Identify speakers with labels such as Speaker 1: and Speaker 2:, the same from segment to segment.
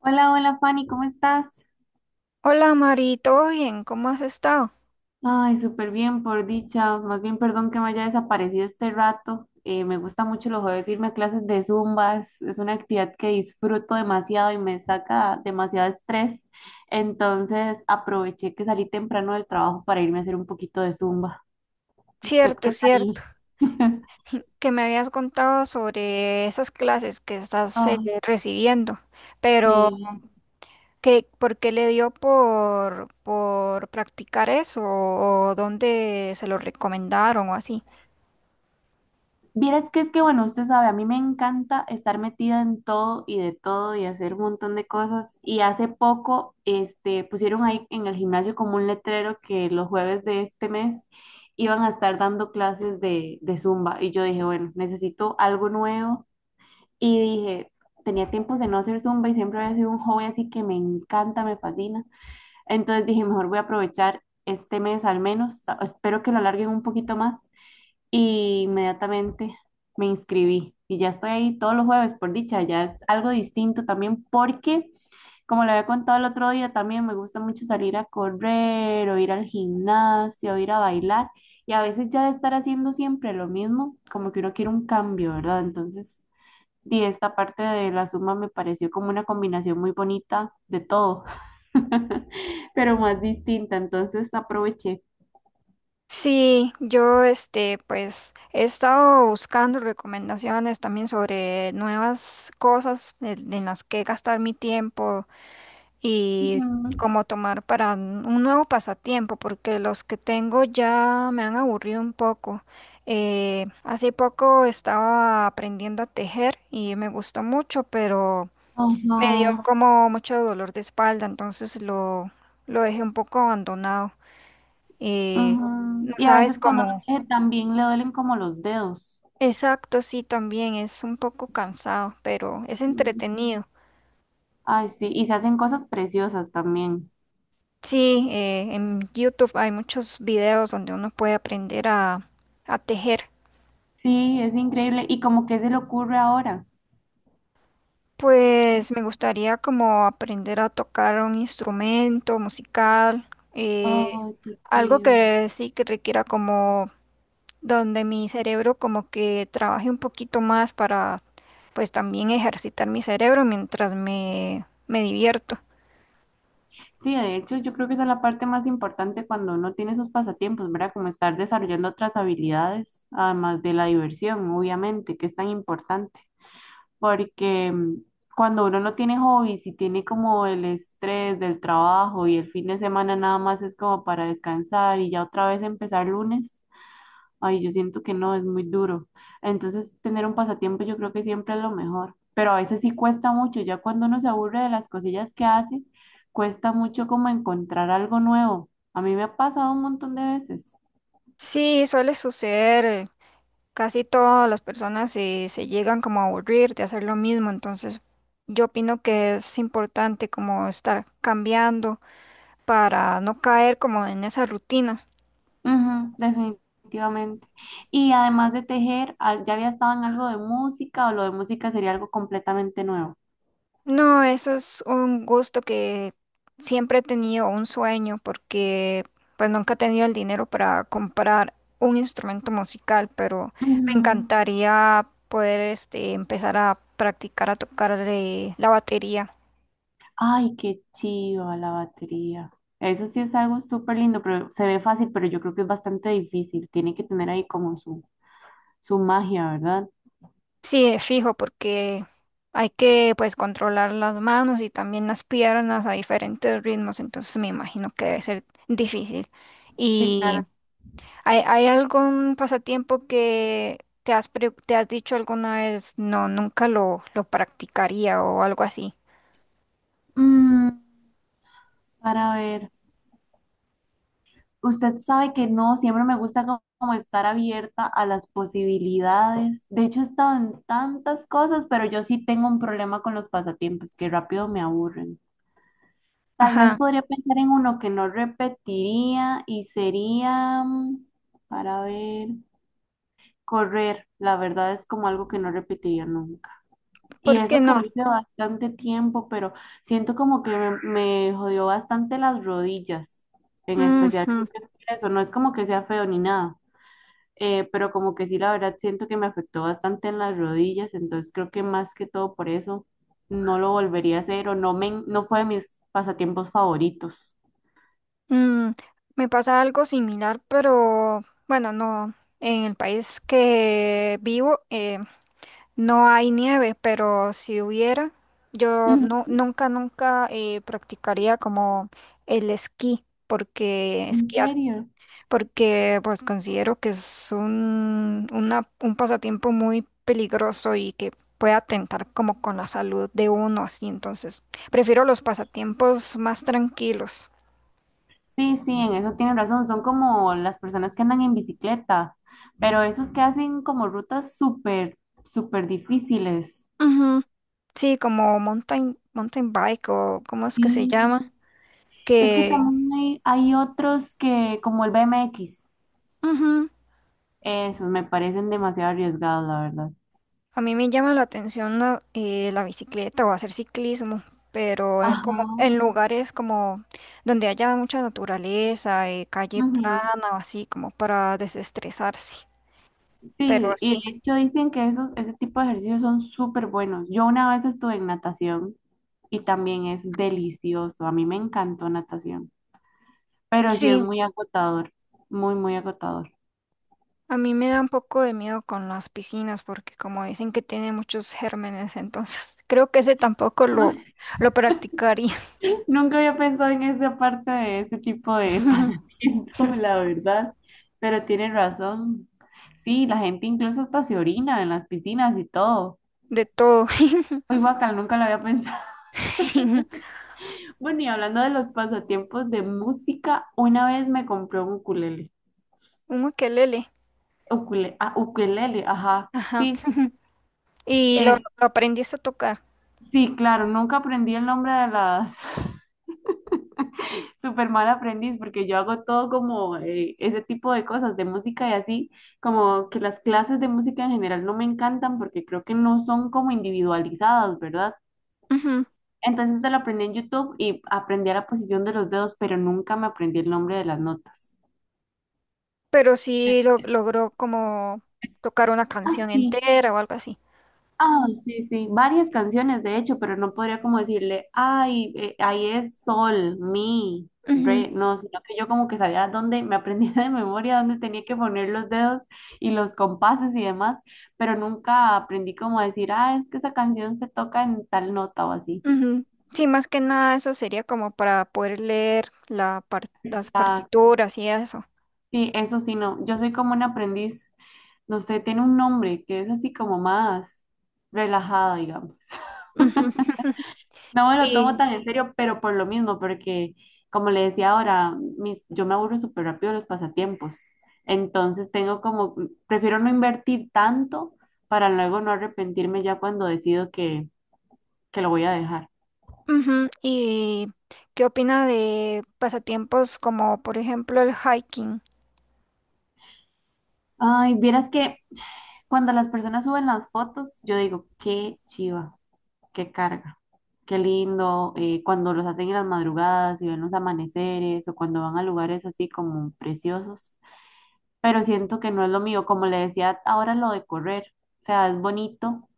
Speaker 1: Hola, hola Fanny, ¿cómo estás?
Speaker 2: Hola Mari, ¿todo bien? ¿Cómo has estado?
Speaker 1: Ay, súper bien, por dicha. Más bien, perdón que me haya desaparecido este rato. Me gusta mucho los jueves irme a clases de Zumba. Es una actividad que disfruto demasiado y me saca demasiado estrés. Entonces, aproveché que salí temprano del trabajo para irme a hacer un poquito de Zumba. ¿Usted qué
Speaker 2: Cierto, cierto,
Speaker 1: tal?
Speaker 2: que me habías contado sobre esas clases que estás
Speaker 1: Ah,
Speaker 2: recibiendo, pero
Speaker 1: sí.
Speaker 2: ¿qué, por qué le dio por practicar eso o dónde se lo recomendaron o así?
Speaker 1: Vieras que es que, bueno, usted sabe, a mí me encanta estar metida en todo y de todo y hacer un montón de cosas. Y hace poco, este, pusieron ahí en el gimnasio como un letrero que los jueves de este mes iban a estar dando clases de Zumba. Y yo dije, bueno, necesito algo nuevo. Y dije, tenía tiempos de no hacer Zumba y siempre había sido un hobby así que me encanta, me fascina. Entonces dije, mejor voy a aprovechar este mes al menos. Espero que lo alarguen un poquito más y inmediatamente me inscribí y ya estoy ahí todos los jueves, por dicha, ya es algo distinto también porque, como le había contado el otro día, también me gusta mucho salir a correr o ir al gimnasio o ir a bailar y a veces ya de estar haciendo siempre lo mismo, como que uno quiere un cambio, ¿verdad? Entonces, y esta parte de la suma me pareció como una combinación muy bonita de todo, pero más distinta, entonces aproveché.
Speaker 2: Sí, yo este pues he estado buscando recomendaciones también sobre nuevas cosas en las que gastar mi tiempo y
Speaker 1: Ujú.
Speaker 2: como tomar para un nuevo pasatiempo, porque los que tengo ya me han aburrido un poco. Hace poco estaba aprendiendo a tejer y me gustó mucho, pero me dio
Speaker 1: Ajá.
Speaker 2: como mucho dolor de espalda, lo dejé un poco abandonado. Eh,
Speaker 1: Ujú.
Speaker 2: no
Speaker 1: Y a
Speaker 2: sabes
Speaker 1: veces cuando uno
Speaker 2: cómo.
Speaker 1: teje también le duelen como los dedos.
Speaker 2: Exacto, sí, también es un poco cansado, pero es
Speaker 1: Sí,
Speaker 2: entretenido.
Speaker 1: ay, sí, y se hacen cosas preciosas también.
Speaker 2: Sí, en YouTube hay muchos videos donde uno puede a tejer.
Speaker 1: Sí, es increíble. ¿Y como que se le ocurre ahora?
Speaker 2: Pues me gustaría como aprender a tocar un instrumento musical, eh,
Speaker 1: Ay, qué
Speaker 2: algo
Speaker 1: chido.
Speaker 2: que sí que requiera como donde mi cerebro como que trabaje un poquito más para pues también ejercitar mi cerebro me divierto.
Speaker 1: Sí, de hecho, yo creo que esa es la parte más importante cuando uno tiene esos pasatiempos, ¿verdad? Como estar desarrollando otras habilidades, además de la diversión, obviamente, que es tan importante. Porque cuando uno no tiene hobbies y tiene como el estrés del trabajo y el fin de semana nada más es como para descansar y ya otra vez empezar lunes, ay, yo siento que no, es muy duro. Entonces, tener un pasatiempo yo creo que siempre es lo mejor, pero a veces sí cuesta mucho, ya cuando uno se aburre de las cosillas que hace, cuesta mucho como encontrar algo nuevo. A mí me ha pasado un montón de veces.
Speaker 2: Sí, suele suceder. Casi todas las se llegan como a aburrir de hacer lo mismo, entonces yo opino que es importante como estar cambiando para no caer como en esa rutina.
Speaker 1: Ujú, definitivamente. Y además de tejer, ¿ya había estado en algo de música o lo de música sería algo completamente nuevo?
Speaker 2: No, eso es un gusto que siempre he tenido, un sueño, porque pues nunca he tenido el dinero para comprar un instrumento musical, pero me
Speaker 1: Ujú.
Speaker 2: encantaría poder este, empezar a practicar a tocar la batería.
Speaker 1: Ay, qué chiva la batería. Eso sí es algo súper lindo, pero se ve fácil, pero yo creo que es bastante difícil. Tiene que tener ahí como su magia, ¿verdad?
Speaker 2: Sí, es fijo, porque hay que pues controlar las manos y también las piernas a diferentes ritmos, entonces me imagino que debe ser difícil.
Speaker 1: Sí,
Speaker 2: ¿Y
Speaker 1: claro.
Speaker 2: hay algún pasatiempo que te has dicho alguna vez, no, nunca lo practicaría o algo así?
Speaker 1: Mm, para ver. Usted sabe que no, siempre me gusta como estar abierta a las posibilidades. De hecho, he estado en tantas cosas, pero yo sí tengo un problema con los pasatiempos que rápido me aburren. Tal vez
Speaker 2: Ajá,
Speaker 1: podría pensar en uno que no repetiría y sería, para ver, correr. La verdad es como algo que no repetiría nunca. Y
Speaker 2: ¿por qué
Speaker 1: eso que lo
Speaker 2: no?
Speaker 1: hice bastante tiempo, pero siento como que me jodió bastante las rodillas, en especial
Speaker 2: Ujú,
Speaker 1: eso. No es como que sea feo ni nada, pero como que sí, la verdad siento que me afectó bastante en las rodillas, entonces creo que más que todo por eso no lo volvería a hacer o no, no fue de mis pasatiempos favoritos.
Speaker 2: mm, me pasa algo similar, pero bueno, no, en el país que vivo. No hay nieve, pero si hubiera, yo
Speaker 1: Ujú,
Speaker 2: no, nunca practicaría como el esquí, porque
Speaker 1: ¿en
Speaker 2: esquiar,
Speaker 1: serio?
Speaker 2: porque pues considero que es un pasatiempo muy peligroso y que puede atentar como con la salud de uno, así entonces prefiero los pasatiempos más tranquilos.
Speaker 1: Sí, sí, en eso tienen razón, son como las personas que andan en bicicleta, pero esos que hacen como rutas súper, súper difíciles.
Speaker 2: Ujú. Sí, como mountain bike o cómo es que se
Speaker 1: Sí,
Speaker 2: llama,
Speaker 1: es que
Speaker 2: que...
Speaker 1: también hay otros que, como el BMX,
Speaker 2: ujú,
Speaker 1: esos me parecen demasiado arriesgados, la verdad.
Speaker 2: a mí me llama la atención la bicicleta o hacer ciclismo, pero en, como,
Speaker 1: Ajá.
Speaker 2: en lugares como donde haya mucha naturaleza, calle
Speaker 1: Ujú.
Speaker 2: plana o así, como para desestresarse. Pero
Speaker 1: Sí, y
Speaker 2: sí,
Speaker 1: de hecho dicen que esos, ese tipo de ejercicios son súper buenos. Yo una vez estuve en natación y también es delicioso. A mí me encantó natación, pero sí es
Speaker 2: sí,
Speaker 1: muy agotador, muy, muy agotador.
Speaker 2: a mí me da un poco de miedo con las piscinas porque como dicen que tiene muchos gérmenes, entonces creo que ese tampoco lo, lo practicaría.
Speaker 1: Nunca había pensado en esa parte de ese tipo de pasatiempo, la verdad, pero tienes razón. Sí, la gente incluso hasta se orina en las piscinas y todo.
Speaker 2: De todo.
Speaker 1: Muy bacán, nunca lo había pensado. Bueno, y hablando de los pasatiempos de música, una vez me compré un ukulele.
Speaker 2: Un ukelele.
Speaker 1: Ukule, ah, ukelele, ajá,
Speaker 2: Ajá.
Speaker 1: sí,
Speaker 2: Y
Speaker 1: es,
Speaker 2: lo aprendiste a tocar.
Speaker 1: sí, claro, nunca aprendí el nombre de las, super mal aprendiz, porque yo hago todo como ese tipo de cosas, de música y así, como que las clases de música en general no me encantan, porque creo que no son como individualizadas, ¿verdad?
Speaker 2: Ujú.
Speaker 1: Entonces te lo aprendí en YouTube y aprendí a la posición de los dedos, pero nunca me aprendí el nombre de las notas.
Speaker 2: Pero sí logró como tocar una canción
Speaker 1: Así.
Speaker 2: entera o algo así.
Speaker 1: Ah, sí, sí, varias canciones de hecho, pero no podría como decirle, ay, ahí es sol, mi,
Speaker 2: Ujú,
Speaker 1: re, no, sino que yo como que sabía dónde, me aprendía de memoria dónde tenía que poner los dedos y los compases y demás, pero nunca aprendí como a decir, ah, es que esa canción se toca en tal nota o así.
Speaker 2: ujú. Sí, más que nada eso sería como para poder leer las
Speaker 1: Exacto,
Speaker 2: partituras y eso.
Speaker 1: sí, eso sí, no, yo soy como un aprendiz, no sé, tiene un nombre que es así como más relajado, digamos.
Speaker 2: Ujú.
Speaker 1: No me lo tomo
Speaker 2: Y,
Speaker 1: tan en serio, pero por lo mismo, porque como le decía ahora, yo me aburro súper rápido de los pasatiempos. Entonces tengo como, prefiero no invertir tanto para luego no arrepentirme ya cuando decido que lo voy a dejar.
Speaker 2: ujú, ¿y qué opina de pasatiempos como por ejemplo el hiking?
Speaker 1: Ay, vieras que cuando las personas suben las fotos, yo digo, qué chiva, qué carga, qué lindo. Cuando los hacen en las madrugadas y ven los amaneceres o cuando van a lugares así como preciosos, pero siento que no es lo mío. Como le decía ahora lo de correr, o sea, es bonito,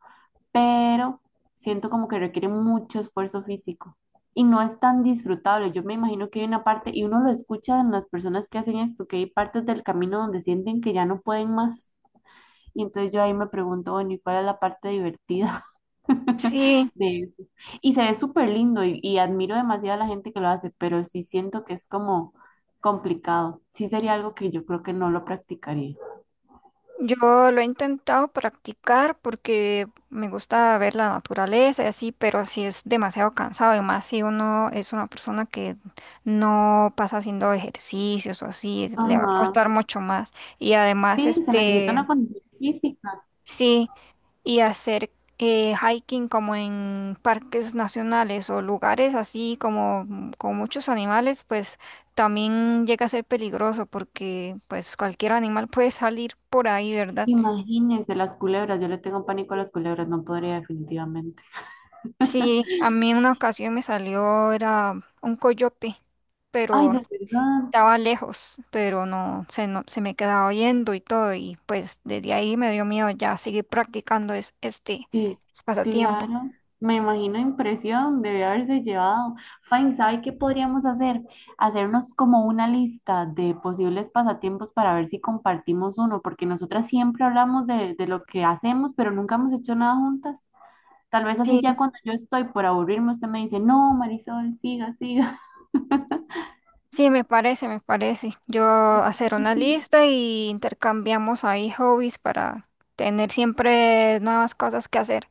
Speaker 1: pero siento como que requiere mucho esfuerzo físico y no es tan disfrutable. Yo me imagino que hay una parte, y uno lo escucha en las personas que hacen esto, que hay partes del camino donde sienten que ya no pueden más. Y entonces yo ahí me pregunto, bueno, ¿y cuál es la parte divertida
Speaker 2: Sí.
Speaker 1: de eso? Y se ve súper lindo y admiro demasiado a la gente que lo hace, pero sí siento que es como complicado. Sí sería algo que yo creo que no lo practicaría.
Speaker 2: Yo lo he intentado practicar porque me gusta ver la naturaleza y así, pero si es demasiado cansado y más si uno es una persona que no pasa haciendo ejercicios o así, es- le va a
Speaker 1: Ajá.
Speaker 2: costar mucho más. Y además,
Speaker 1: Sí, se necesita
Speaker 2: este,
Speaker 1: una condición física.
Speaker 2: sí, y hacer hiking como en parques nacionales o lugares así como mm, con muchos animales, pues también llega a ser peligroso porque pues cualquier animal puede salir por ahí, ¿verdad?
Speaker 1: Imagínense las culebras. Yo le tengo pánico a las culebras, no podría definitivamente.
Speaker 2: Sí, a mí en una ocasión me salió, era un coyote,
Speaker 1: Ay,
Speaker 2: pero
Speaker 1: de verdad.
Speaker 2: estaba lejos, pero no, se me quedaba oyendo y todo, y pues desde ahí me dio miedo ya seguir practicando este,
Speaker 1: Sí,
Speaker 2: pasatiempo.
Speaker 1: claro. Me imagino impresión, debe haberse llevado. Fine, ¿sabe qué podríamos hacer? Hacernos como una lista de posibles pasatiempos para ver si compartimos uno, porque nosotras siempre hablamos de lo que hacemos, pero nunca hemos hecho nada juntas. Tal vez así
Speaker 2: Sí,
Speaker 1: ya cuando yo estoy por aburrirme, usted me dice, no, Marisol, siga, siga.
Speaker 2: sí, me parece. Yo hacer
Speaker 1: Sí,
Speaker 2: una
Speaker 1: sí.
Speaker 2: lista y intercambiamos ahí hobbies para tener siempre nuevas cosas que hacer.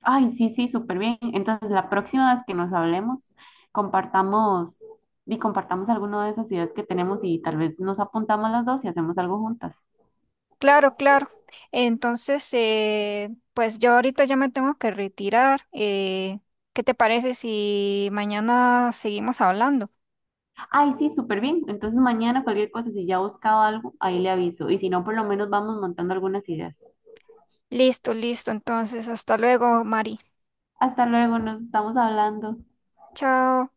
Speaker 1: Ay, sí, sí, súper bien. Entonces, la próxima vez que nos hablemos, compartamos y compartamos alguna de esas ideas que tenemos y tal vez nos apuntamos las dos y hacemos algo juntas.
Speaker 2: Claro, claro. Entonces, pues yo ahorita ya me tengo que retirar. ¿Qué te parece si mañana seguimos hablando?
Speaker 1: Ay, sí, súper bien. Entonces, mañana cualquier cosa, si ya he buscado algo, ahí le aviso. Y si no, por lo menos vamos montando algunas ideas.
Speaker 2: Listo, listo. Entonces, hasta luego, Mari.
Speaker 1: Hasta luego, nos estamos hablando.
Speaker 2: Chao.